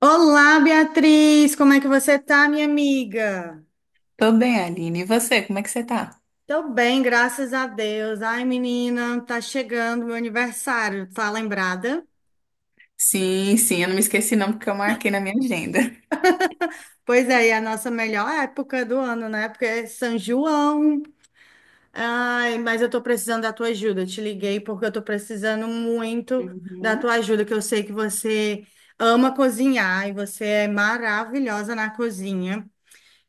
Olá, Beatriz, como é que você tá, minha amiga? Tô bem, Aline. E você, como é que você tá? Tô bem, graças a Deus. Ai, menina, tá chegando meu aniversário, tá lembrada? Sim, sim, eu não me esqueci não, porque eu marquei na minha agenda. Pois é, e é a nossa melhor época do ano, né? Porque é São João. Ai, mas eu tô precisando da tua ajuda. Eu te liguei porque eu tô precisando muito da Uhum. tua ajuda, que eu sei que você ama cozinhar e você é maravilhosa na cozinha.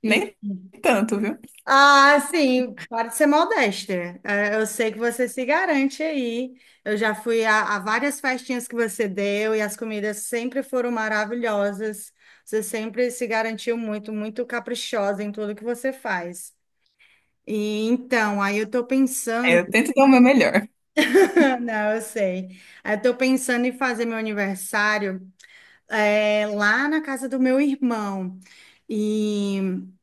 Nem tanto, viu? Ah, sim, pode ser modesta. É, eu sei que você se garante aí. Eu já fui a várias festinhas que você deu e as comidas sempre foram maravilhosas. Você sempre se garantiu muito, muito caprichosa em tudo que você faz. E então, aí eu tô É, pensando, eu tento dar o meu melhor. não, eu sei. Aí eu tô pensando em fazer meu aniversário lá na casa do meu irmão e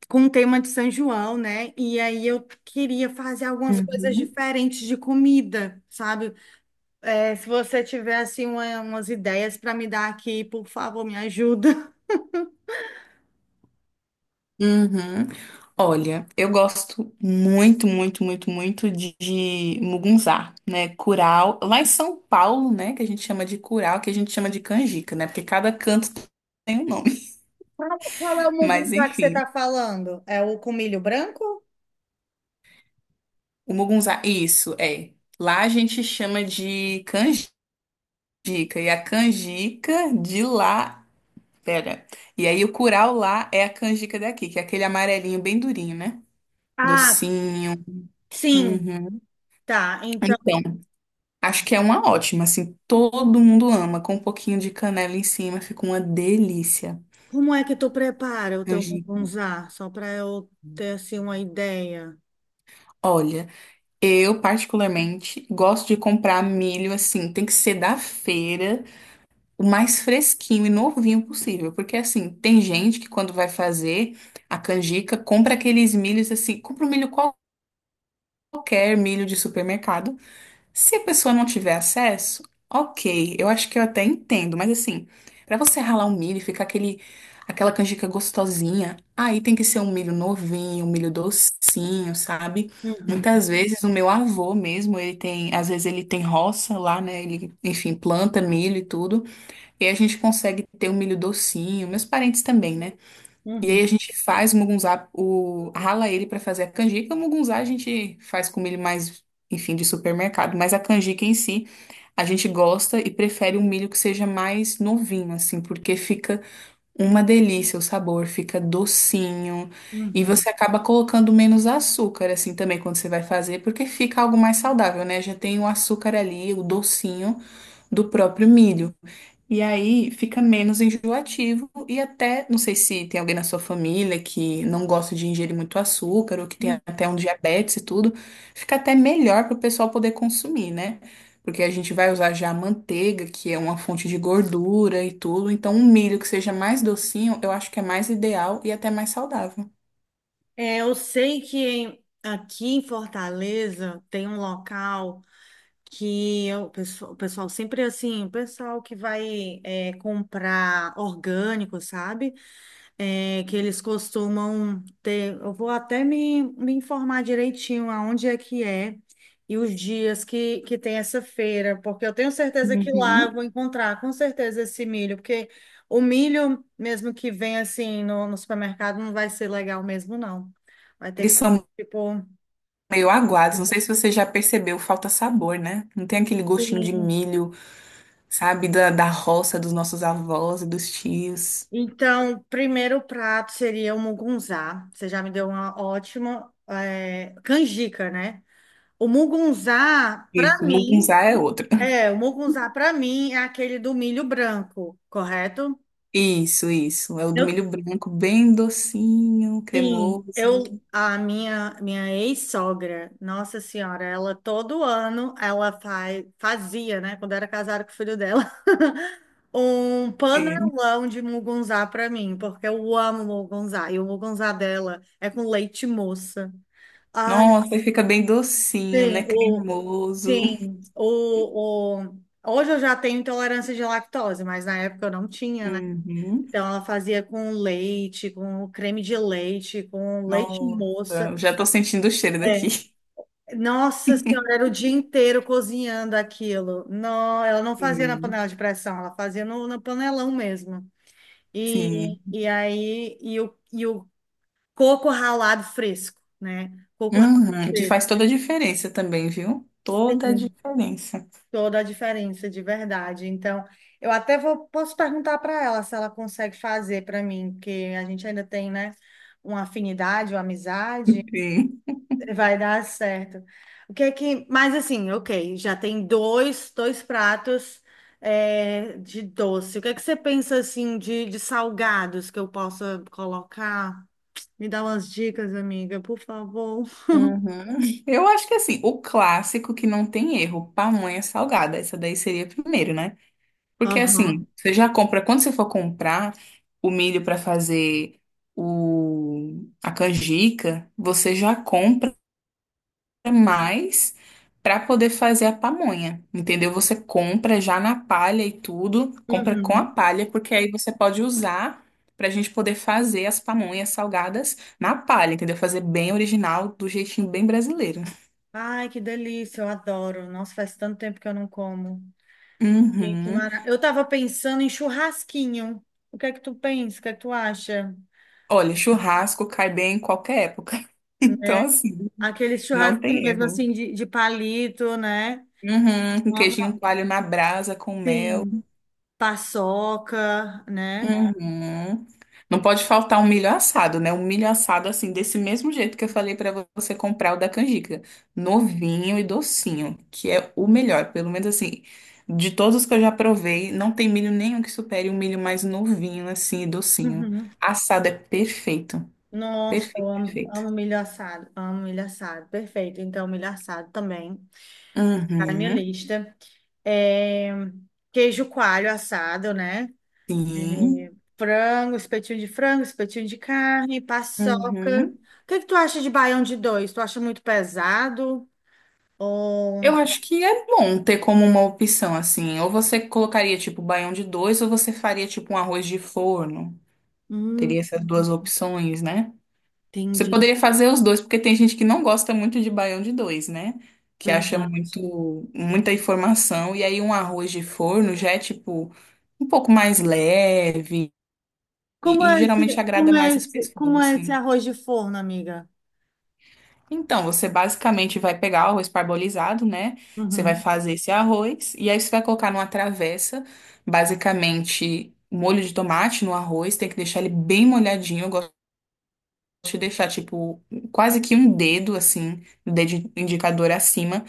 com o tema de São João, né? E aí eu queria fazer algumas coisas Uhum. diferentes de comida, sabe? Se você tiver assim umas ideias para me dar aqui, por favor, me ajuda. Uhum. Olha, eu gosto muito, muito, muito, muito de mugunzá, né? Curau. Lá em São Paulo, né? Que a gente chama de curau, que a gente chama de canjica, né? Porque cada canto tem um nome. Qual, qual é o Mas mugunzá que você enfim, está falando? É o com milho branco? o mugunzá, isso, é. Lá a gente chama de canjica. E a canjica de lá. Pera. E aí o curau lá é a canjica daqui, que é aquele amarelinho bem durinho, né? Ah, Docinho. sim, Uhum. tá. Então, Então. Acho que é uma ótima, assim, todo mundo ama, com um pouquinho de canela em cima, fica uma delícia. como é que tu prepara o teu Angico. mugunzá? Só para eu ter assim uma ideia. Olha, eu particularmente gosto de comprar milho assim, tem que ser da feira, o mais fresquinho e novinho possível, porque assim, tem gente que quando vai fazer a canjica, compra aqueles milhos assim, compra um milho qualquer, milho de supermercado. Se a pessoa não tiver acesso, ok, eu acho que eu até entendo, mas assim, pra você ralar um milho e ficar aquele, aquela canjica gostosinha, aí tem que ser um milho novinho, um milho docinho, sabe? Uhum, Muitas vezes o meu avô mesmo, ele tem, às vezes ele tem roça lá, né? Ele, enfim, planta milho e tudo, e a gente consegue ter um milho docinho, meus parentes também, né? E aí a uhum, gente faz o mugunzá, o, rala ele para fazer a canjica. O mugunzá a gente faz com milho mais, enfim, de supermercado. Mas a canjica em si, a gente gosta e prefere um milho que seja mais novinho, assim, porque fica uma delícia o sabor, fica docinho. E uhum, você acaba colocando menos açúcar, assim, também quando você vai fazer, porque fica algo mais saudável, né? Já tem o açúcar ali, o docinho do próprio milho. E aí fica menos enjoativo e até, não sei se tem alguém na sua família que não gosta de ingerir muito açúcar ou que tem uhum. até um diabetes e tudo, fica até melhor para o pessoal poder consumir, né? Porque a gente vai usar já a manteiga, que é uma fonte de gordura e tudo, então um milho que seja mais docinho, eu acho que é mais ideal e até mais saudável. É, eu sei que aqui em Fortaleza tem um local que o pessoal sempre assim, o pessoal que vai é, comprar orgânico, sabe? Que eles costumam ter. Eu vou até me informar direitinho aonde é que é e os dias que tem essa feira, porque eu tenho certeza que lá eu Uhum. vou encontrar com certeza esse milho, porque o milho, mesmo que venha assim no, no supermercado, não vai ser legal mesmo, não. Vai ter Eles que ser são tipo. meio aguados, não sei se você já percebeu, falta sabor, né? Não tem aquele gostinho de Sim. milho sabe? Da roça dos nossos avós e dos tios. Então, primeiro prato seria o mugunzá. Você já me deu uma ótima, é, canjica, né? O mugunzá, para Isso, mim, mugunzá é outro. é, o mugunzá para mim é aquele do milho branco, correto? Isso, isso. É o do Eu milho branco, bem docinho, sim, eu cremoso. a minha ex-sogra, Nossa Senhora, ela todo ano ela fazia, né, quando era casada com o filho dela, um Sim. panelão de mugunzá para mim, porque eu amo mugunzá e o mugunzá dela é com leite moça. Ah, Nossa, ele fica bem docinho, tem né? o Cremoso. tem o hoje eu já tenho intolerância de lactose, mas na época eu não tinha, né? Uhum. Então, ela fazia com leite, com creme de leite, com leite Nossa, moça. já tô sentindo o cheiro É. daqui. Nossa senhora, era o dia inteiro cozinhando aquilo. Não, ela não fazia na Sim. panela de pressão, ela fazia no, no panelão mesmo. Sim. E aí, e o coco ralado fresco, né? Coco ralado Uhum. Que faz fresco. toda a diferença também, viu? Toda a Sim, diferença. toda a diferença, de verdade. Então, eu até vou, posso perguntar para ela se ela consegue fazer para mim, porque a gente ainda tem, né? Uma afinidade, uma amizade, Sim. vai dar certo. O que é que. Mas assim, ok, já tem dois, dois pratos é, de doce. O que é que você pensa assim de salgados que eu possa colocar? Me dá umas dicas, amiga, por favor. Uhum. Eu acho que assim, o clássico que não tem erro, pamonha salgada, essa daí seria primeiro, né? Porque Aham. assim, você já compra, quando você for comprar o milho para fazer a canjica, você já compra mais para poder fazer a pamonha, entendeu? Você compra já na palha e tudo, compra com a Uhum. palha, porque aí você pode usar para a gente poder fazer as pamonhas salgadas na palha, entendeu? Fazer bem original, do jeitinho bem brasileiro. Ai, que delícia, eu adoro. Nossa, faz tanto tempo que eu não como. Sim, que Uhum. mara... Eu tava pensando em churrasquinho. O que é que tu pensa? O que é que tu acha? Olha, churrasco cai bem em qualquer época. Né? Então, assim, Aquele não churrasquinho tem mesmo erro. assim de palito, né? Uhum. Um queijinho coalho na brasa com mel. Sim, paçoca, né? Uhum. Não pode faltar um milho assado, né? Um milho assado, assim, desse mesmo jeito que eu falei pra você comprar o da canjica. Novinho e docinho, que é o melhor. Pelo menos, assim, de todos que eu já provei, não tem milho nenhum que supere um milho mais novinho, assim, e docinho. Uhum. Assado é perfeito. Nossa, eu Perfeito, amo, perfeito. Amo milho assado, perfeito. Então, milho assado também tá na minha Uhum. lista. É, queijo coalho assado, né? É, Sim. Frango, espetinho de carne, paçoca. Uhum. O que que tu acha de baião de dois? Tu acha muito pesado? Eu Ou... acho que é bom ter como uma opção assim. Ou você colocaria tipo baião de dois, ou você faria tipo um arroz de forno. Hum, Teria essas duas opções, né? Você entendi, poderia fazer os dois, porque tem gente que não gosta muito de baião de dois, né? Que acha verdade. muito, muita informação. E aí um arroz de forno já é tipo um pouco mais leve Como e, é e esse, geralmente agrada como mais é as esse, pessoas, como é esse assim. arroz de forno, amiga? Então, você basicamente vai pegar o arroz parbolizado, né? Você vai Uhum, fazer esse arroz e aí você vai colocar numa travessa, basicamente um molho de tomate no arroz, tem que deixar ele bem molhadinho. Eu gosto de deixar tipo quase que um dedo assim, o dedo indicador acima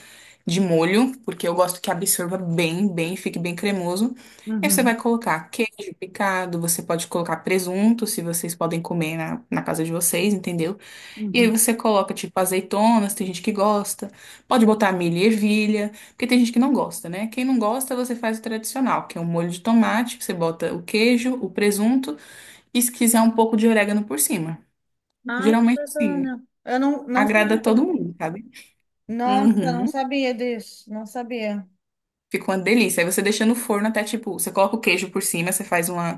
de molho, porque eu gosto que absorva bem, bem, fique bem cremoso. E aí você uhum, vai colocar queijo picado, você pode colocar presunto, se vocês podem comer na casa de vocês, entendeu? E aí uhum. você coloca, tipo, azeitonas, tem gente que gosta. Pode botar milho e ervilha, porque tem gente que não gosta, né? Quem não gosta, você faz o tradicional, que é um molho de tomate, você bota o queijo, o presunto e se quiser um pouco de orégano por cima. Ai, que Geralmente, sim, bacana. Eu não, não agrada todo sabia. mundo, sabe? Nossa, eu não Uhum. sabia disso. Não sabia. Fica uma delícia. Aí você deixa no forno até, tipo, você coloca o queijo por cima, você faz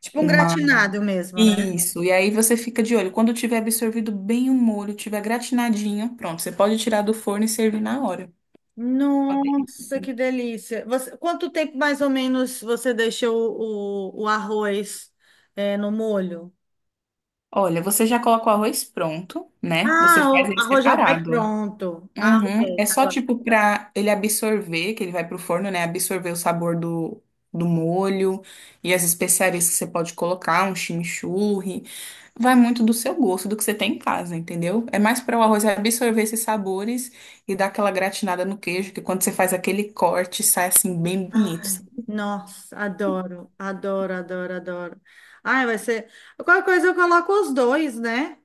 Tipo um uma... gratinado mesmo, né? Isso. E aí você fica de olho. Quando tiver absorvido bem o molho, tiver gratinadinho, pronto. Você pode tirar do forno e servir na hora. Nossa, que delícia. Você, quanto tempo mais ou menos você deixa o arroz é, no molho? Olha, você já coloca o arroz pronto, né? Ah, Você faz o ele arroz já vai separado. pronto. Ah, Uhum. É só ok. tipo pra ele absorver, que ele vai pro forno, né? Absorver o sabor do molho e as especiarias que você pode colocar, um chimichurri. Vai muito do seu gosto, do que você tem em casa, entendeu? É mais para o arroz absorver esses sabores e dar aquela gratinada no queijo, que quando você faz aquele corte, sai assim bem bonito. Ai, nossa, adoro, adoro, adoro, adoro. Ai, vai ser. Qualquer coisa eu coloco os dois, né?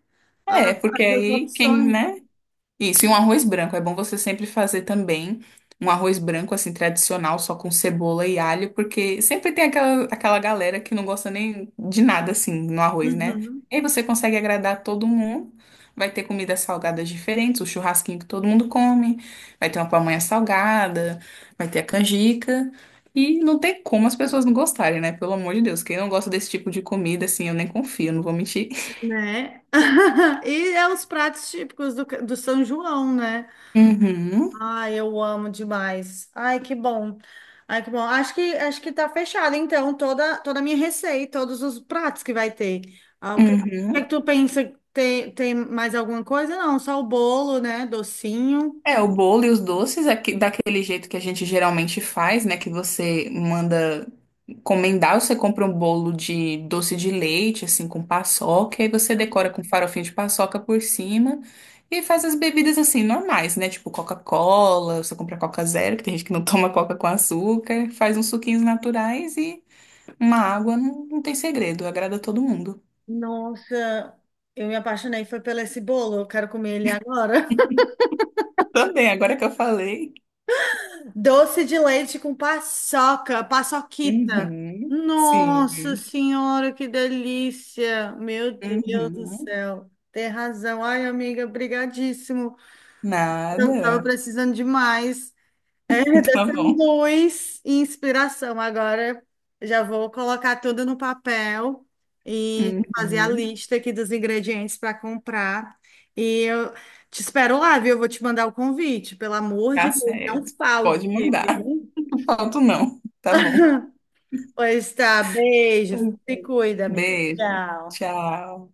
A- É, porque as duas aí quem, opções. né? Isso, e um arroz branco. É bom você sempre fazer também um arroz branco, assim, tradicional, só com cebola e alho, porque sempre tem aquela, aquela galera que não gosta nem de nada, assim, no arroz, né? Uhum, E aí você consegue agradar todo mundo. Vai ter comidas salgadas diferentes, o churrasquinho que todo mundo come, vai ter uma pamonha salgada, vai ter a canjica. E não tem como as pessoas não gostarem, né? Pelo amor de Deus, quem não gosta desse tipo de comida, assim, eu nem confio, não vou mentir. né? E é os pratos típicos do, do São João, né? Ai, eu amo demais. Ai, que bom. Ai, que bom. Acho que tá fechado, então, toda, toda a minha receita, todos os pratos que vai ter. Ah, o Uhum, que é que uhum. tu pensa? Tem, tem mais alguma coisa? Não, só o bolo, né? Docinho. É, o bolo e os doces é que- daquele jeito que a gente geralmente faz, né? Que você manda encomendar, você compra um bolo de doce de leite, assim, com paçoca, e aí você decora com farofinho de paçoca por cima e faz as bebidas, assim, normais, né? Tipo Coca-Cola, você compra Coca Zero, que tem gente que não toma Coca com açúcar, faz uns suquinhos naturais e uma água, não, não tem segredo, agrada todo mundo. Nossa, eu me apaixonei, foi pelo esse bolo, eu quero comer ele agora. Também, agora que eu falei. Doce de leite com paçoca, paçoquita. Uhum, sim. Nossa senhora, que delícia! Meu Deus do Uhum, céu, tem razão. Ai, amiga, brigadíssimo. Eu tava nada. precisando demais. É, Tá dessa bom. luz e inspiração. Agora já vou colocar tudo no papel e fazer a Uhum. lista aqui dos ingredientes para comprar. E eu te espero lá, viu? Eu vou te mandar o convite. Pelo amor Tá de Deus, não certo. Pode falte, mandar. viu? Não falto, não. Tá bom. Pois tá, beijo. Se cuida, amigo. Beijo. Tchau. Tchau.